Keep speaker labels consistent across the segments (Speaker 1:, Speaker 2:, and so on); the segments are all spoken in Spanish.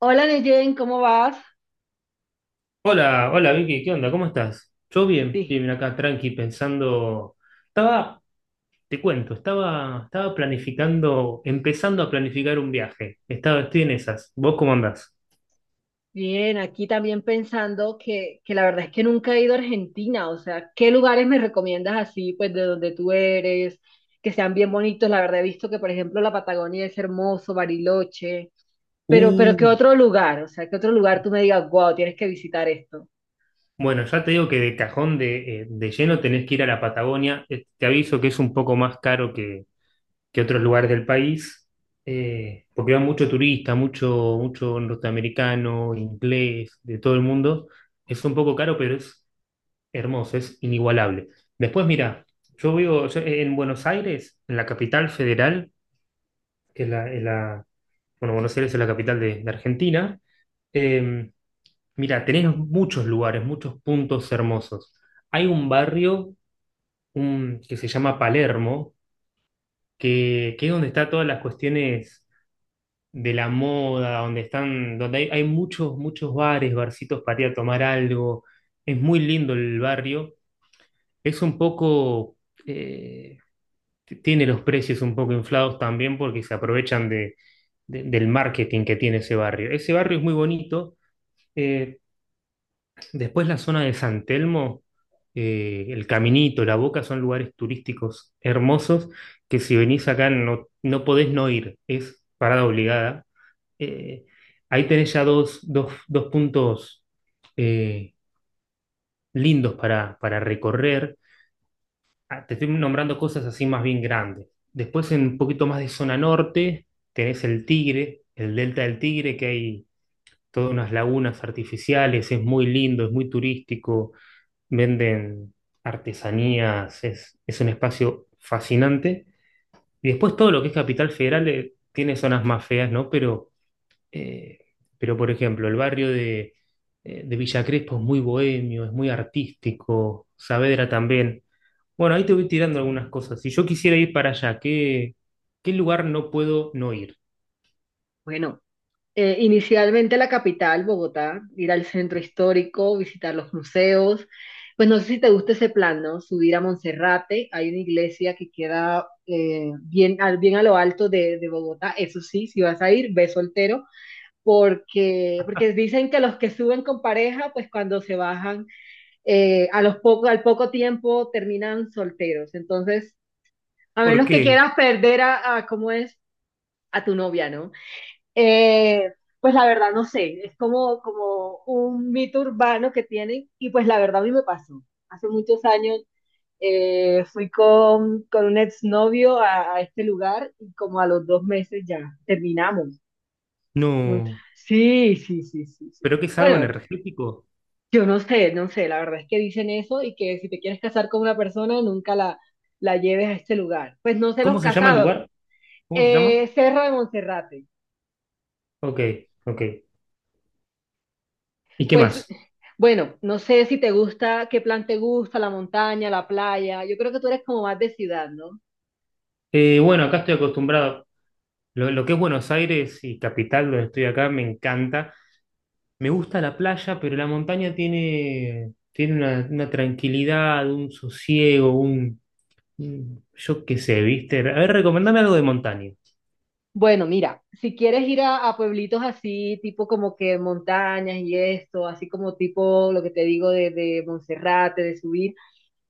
Speaker 1: Hola Neyen, ¿cómo vas?
Speaker 2: Hola, hola Vicky, ¿qué onda? ¿Cómo estás? Yo bien,
Speaker 1: Bi-
Speaker 2: bien acá, tranqui, pensando. Estaba, te cuento, estaba planificando, empezando a planificar un viaje. Estaba, estoy en esas. ¿Vos cómo andás?
Speaker 1: Bien, aquí también pensando que la verdad es que nunca he ido a Argentina, o sea, ¿qué lugares me recomiendas así, pues de donde tú eres, que sean bien bonitos? La verdad he visto que, por ejemplo, la Patagonia es hermoso, Bariloche, pero
Speaker 2: Uh,
Speaker 1: ¿qué otro lugar? O sea, ¿qué otro lugar tú me digas, wow, tienes que visitar esto?
Speaker 2: bueno, ya te digo que de cajón de lleno tenés que ir a la Patagonia. Te aviso que es un poco más caro que otros lugares del país, porque va mucho turista, mucho, mucho norteamericano, inglés, de todo el mundo. Es un poco caro, pero es hermoso, es inigualable. Después, mira, yo vivo yo en Buenos Aires, en la capital federal, que bueno, Buenos Aires es la capital de Argentina. Eh, Mira, tenés muchos lugares, muchos puntos hermosos. Hay un barrio que se llama Palermo, que es donde están todas las cuestiones de la moda, donde están, donde hay muchos, muchos bares, barcitos para ir a tomar algo. Es muy lindo el barrio. Es un poco eh, tiene los precios un poco inflados también porque se aprovechan del marketing que tiene ese barrio. Ese barrio es muy bonito. Eh, Después, la zona de San Telmo, el Caminito, La Boca son lugares turísticos hermosos que si venís acá no, no podés no ir, es parada obligada. Eh, Ahí tenés ya dos dos puntos eh, lindos para recorrer. Ah, te estoy nombrando cosas así más bien grandes. Después, en un poquito más de zona norte, tenés el Tigre, el Delta del Tigre, que hay todas unas lagunas artificiales, es muy lindo, es muy turístico, venden artesanías, es un espacio fascinante. Y después, todo lo que es Capital Federal, tiene zonas más feas, ¿no? Eh, pero, por ejemplo, el barrio de Villa Crespo es muy bohemio, es muy artístico, Saavedra también. Bueno, ahí te voy tirando algunas cosas. Si yo quisiera ir para allá, ¿qué, qué lugar no puedo no ir?
Speaker 1: Bueno. Inicialmente la capital, Bogotá, ir al centro histórico, visitar los museos. Pues no sé si te gusta ese plan, ¿no? Subir a Monserrate, hay una iglesia que queda bien, al, bien a lo alto de Bogotá, eso sí, si vas a ir, ve soltero, porque dicen que los que suben con pareja, pues cuando se bajan, a los poco, al poco tiempo terminan solteros. Entonces, a
Speaker 2: ¿Por
Speaker 1: menos que
Speaker 2: qué?
Speaker 1: quieras perder a ¿cómo es? A tu novia, ¿no? Eh, pues la verdad no sé, es como, como un mito urbano que tienen y pues la verdad a mí me pasó. Hace muchos años fui con un exnovio a este lugar y como a los 2 meses ya terminamos. Mm,
Speaker 2: No.
Speaker 1: sí, sí, sí, sí, sí.
Speaker 2: ¿Pero qué es algo
Speaker 1: Bueno,
Speaker 2: energético?
Speaker 1: yo no sé, no sé, la verdad es que dicen eso y que si te quieres casar con una persona nunca la lleves a este lugar. Pues no sé los
Speaker 2: ¿Cómo se llama el
Speaker 1: casados.
Speaker 2: lugar? ¿Cómo se llama?
Speaker 1: Serra de Monserrate.
Speaker 2: Ok, ok. ¿Y qué
Speaker 1: Pues,
Speaker 2: más?
Speaker 1: bueno, no sé si te gusta, qué plan te gusta, la montaña, la playa. Yo creo que tú eres como más de ciudad, ¿no?
Speaker 2: Bueno, acá estoy acostumbrado. Lo que es Buenos Aires y capital, donde estoy acá, me encanta. Me gusta la playa, pero la montaña tiene, tiene una tranquilidad, un sosiego, un yo qué sé, ¿viste? A ver, recomendame algo de montaña.
Speaker 1: Bueno, mira, si quieres ir a pueblitos así, tipo como que montañas y esto, así como tipo lo que te digo de Monserrate, de subir,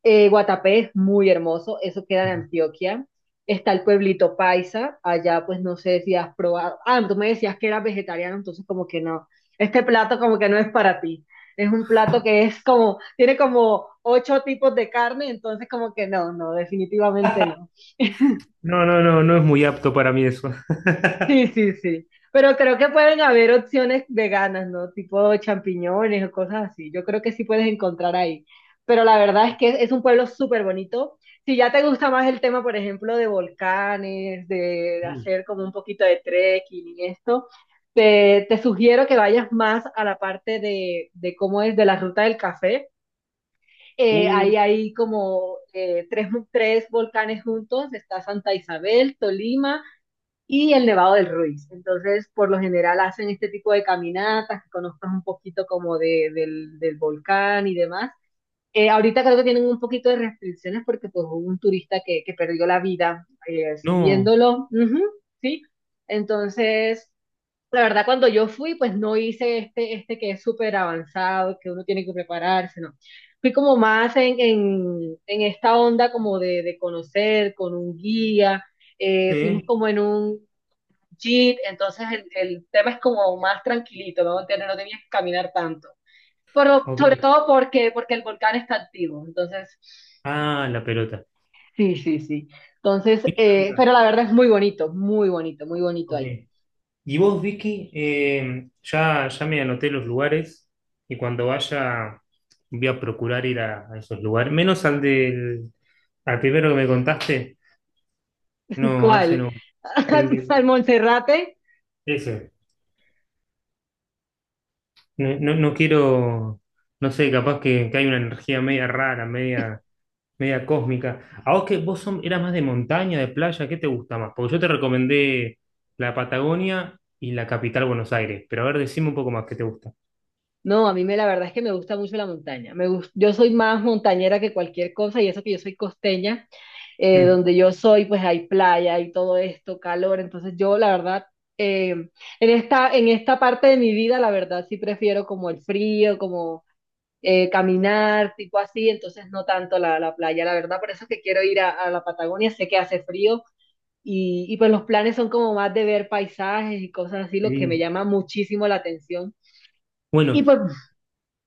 Speaker 1: eh, Guatapé es muy hermoso, eso queda en Antioquia. Está el pueblito Paisa, allá pues no sé si has probado. Ah, tú me decías que eras vegetariano, entonces como que no. Este plato como que no es para ti. Es un plato que es como, tiene como ocho tipos de carne, entonces como que no, no, definitivamente no.
Speaker 2: No, no, no, no es muy apto para mí eso.
Speaker 1: Sí, sí, sí. Pero creo que pueden haber opciones veganas, ¿no? Tipo champiñones o cosas así. Yo creo que sí puedes encontrar ahí. Pero la verdad es que es un pueblo súper bonito. Si ya te gusta más el tema, por ejemplo, de volcanes, de
Speaker 2: Uy.
Speaker 1: hacer como un poquito de trekking y esto, te sugiero que vayas más a la parte de cómo es de la ruta del café.
Speaker 2: Uh,
Speaker 1: Ahí hay como tres volcanes juntos. Está Santa Isabel, Tolima y el Nevado del Ruiz. Entonces, por lo general hacen este tipo de caminatas, que conozcas un poquito como de, del, del volcán y demás. Ahorita creo que tienen un poquito de restricciones porque pues, hubo un turista que perdió la vida
Speaker 2: no.
Speaker 1: subiéndolo, ujú, ¿sí? Entonces, la verdad, cuando yo fui, pues no hice este que es súper avanzado, que uno tiene que prepararse, ¿no? Fui como más en esta onda como de conocer con un guía, fuimos
Speaker 2: Sí.
Speaker 1: como en un, jeep, entonces el tema es como más tranquilito, ¿no? Entonces, no tenías que caminar tanto. Pero sobre
Speaker 2: Ok.
Speaker 1: todo porque el volcán está activo, entonces...
Speaker 2: Ah, la pelota.
Speaker 1: Sí, sí, sí. Entonces,
Speaker 2: Pregunta.
Speaker 1: pero la verdad es muy bonito, muy bonito, muy bonito
Speaker 2: Ok.
Speaker 1: ahí.
Speaker 2: Y vos, Vicky, ya, ya me anoté los lugares y cuando vaya voy a procurar ir a esos lugares, menos al al primero que me contaste. No, ese
Speaker 1: ¿Cuál?
Speaker 2: no. El
Speaker 1: Al
Speaker 2: de-
Speaker 1: Monserrate.
Speaker 2: ese. No, no, no quiero, no sé, capaz que hay una energía media rara, media, media cósmica. ¿A vos que vos son, eras más de montaña, de playa? ¿Qué te gusta más? Porque yo te recomendé la Patagonia y la capital Buenos Aires, pero a ver, decime un poco más qué te gusta.
Speaker 1: No, a mí me, la verdad es que me gusta mucho la montaña. Yo soy más montañera que cualquier cosa y eso que yo soy costeña,
Speaker 2: Mm,
Speaker 1: donde yo soy pues hay playa y todo esto, calor. Entonces yo la verdad, eh, en esta parte de mi vida la verdad sí prefiero como el frío, como caminar, tipo así. Entonces no tanto la playa, la verdad. Por eso es que quiero ir a la Patagonia, sé que hace frío. Y pues los planes son como más de ver paisajes y cosas así, lo que me
Speaker 2: sí.
Speaker 1: llama muchísimo la atención. Y
Speaker 2: Bueno,
Speaker 1: pues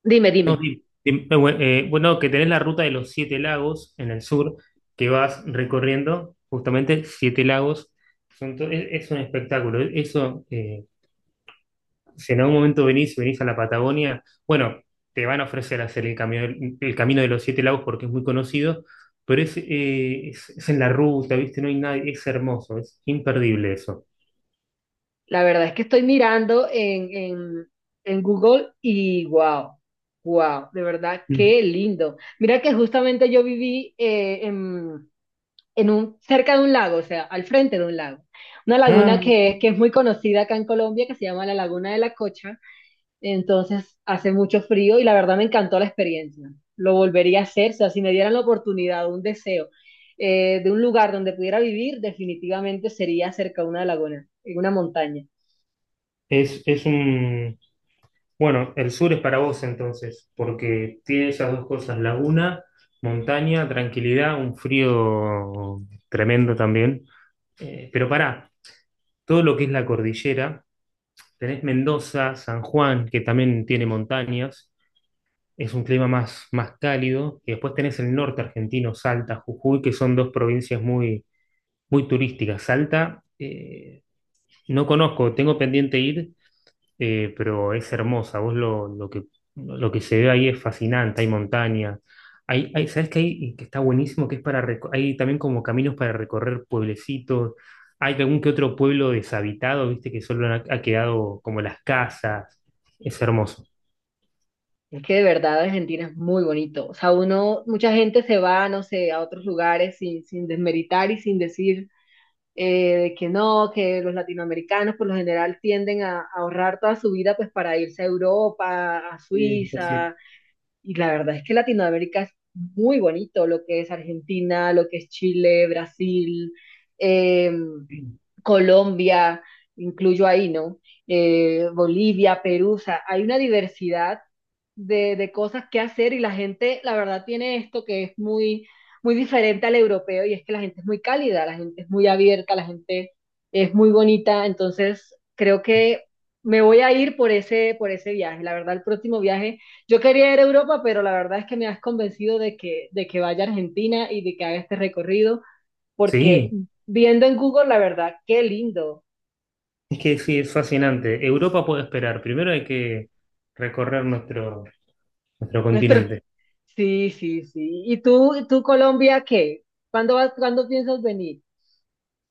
Speaker 1: dime, dime.
Speaker 2: bueno, que tenés la ruta de los siete lagos en el sur, que vas recorriendo justamente siete lagos. Es un espectáculo. Eso si en algún momento venís, venís a la Patagonia, bueno, te van a ofrecer hacer el camino de los Siete Lagos porque es muy conocido, pero es en la ruta, ¿viste? No hay nadie, es hermoso, es imperdible eso.
Speaker 1: La verdad es que estoy mirando en Google y wow, wow, de verdad,
Speaker 2: Mm.
Speaker 1: qué lindo. Mira que justamente yo viví en un, cerca de un lago, o sea, al frente de un lago. Una laguna
Speaker 2: Ah,
Speaker 1: que es muy conocida acá en Colombia, que se llama la Laguna de la Cocha. Entonces hace mucho frío y la verdad me encantó la experiencia. Lo volvería a hacer, o sea, si me dieran la oportunidad, un deseo de un lugar donde pudiera vivir, definitivamente sería cerca de una laguna, en una montaña.
Speaker 2: es un... Bueno, el sur es para vos entonces, porque tiene esas dos cosas, laguna, montaña, tranquilidad, un frío tremendo también. Pero pará, todo lo que es la cordillera, tenés Mendoza, San Juan, que también tiene montañas, es un clima más, más cálido. Y después tenés el norte argentino, Salta, Jujuy, que son dos provincias muy, muy turísticas. Salta, no conozco, tengo pendiente ir, pero es hermosa. Vos lo que se ve ahí es fascinante, hay montañas. Hay, ¿sabés qué hay? Y que está buenísimo, que es para hay también como caminos para recorrer pueblecitos. Hay algún que otro pueblo deshabitado, viste, que solo ha, ha quedado como las casas. Es hermoso.
Speaker 1: Es que de verdad Argentina es muy bonito. O sea, uno, mucha gente se va, no sé, a otros lugares sin desmeritar y sin decir de que no, que los latinoamericanos por lo general tienden a ahorrar toda su vida pues para irse a Europa, a
Speaker 2: Sí,
Speaker 1: Suiza. Y la verdad es que Latinoamérica es muy bonito, lo que es Argentina, lo que es Chile, Brasil, eh, Colombia, incluyo ahí, ¿no? Bolivia, Perú, o sea, hay una diversidad de cosas que hacer y la gente, la verdad, tiene esto que es muy, muy diferente al europeo y es que la gente es muy cálida, la gente es muy abierta, la gente es muy bonita, entonces creo que me voy a ir por ese viaje. La verdad, el próximo viaje, yo quería ir a Europa, pero la verdad es que me has convencido de que vaya a Argentina y de que haga este recorrido, porque
Speaker 2: sí,
Speaker 1: viendo en Google, la verdad, qué lindo.
Speaker 2: es que sí, es fascinante. Europa puede esperar. Primero hay que recorrer nuestro, nuestro
Speaker 1: Nuestro...
Speaker 2: continente.
Speaker 1: Sí, sí, sí. ¿Y tú Colombia, qué? ¿Cuándo vas, cuándo piensas venir?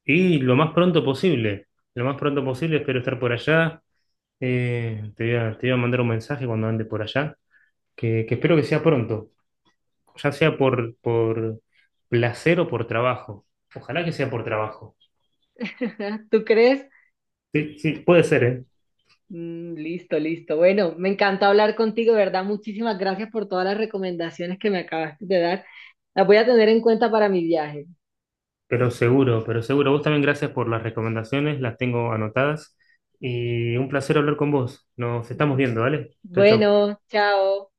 Speaker 2: Y lo más pronto posible. Lo más pronto posible, espero estar por allá. Te voy a, te voy a mandar un mensaje cuando ande por allá, que espero que sea pronto, ya sea por placer o por trabajo. Ojalá que sea por trabajo.
Speaker 1: ¿Tú crees?
Speaker 2: Sí, sí, puede ser, ¿eh?
Speaker 1: Mm, listo, listo. Bueno, me encantó hablar contigo, ¿verdad? Muchísimas gracias por todas las recomendaciones que me acabaste de dar. Las voy a tener en cuenta para mi viaje.
Speaker 2: Pero seguro, pero seguro. Vos también, gracias por las recomendaciones, las tengo anotadas. Y un placer hablar con vos. Nos estamos viendo, ¿vale? Chau, chau.
Speaker 1: Bueno, chao.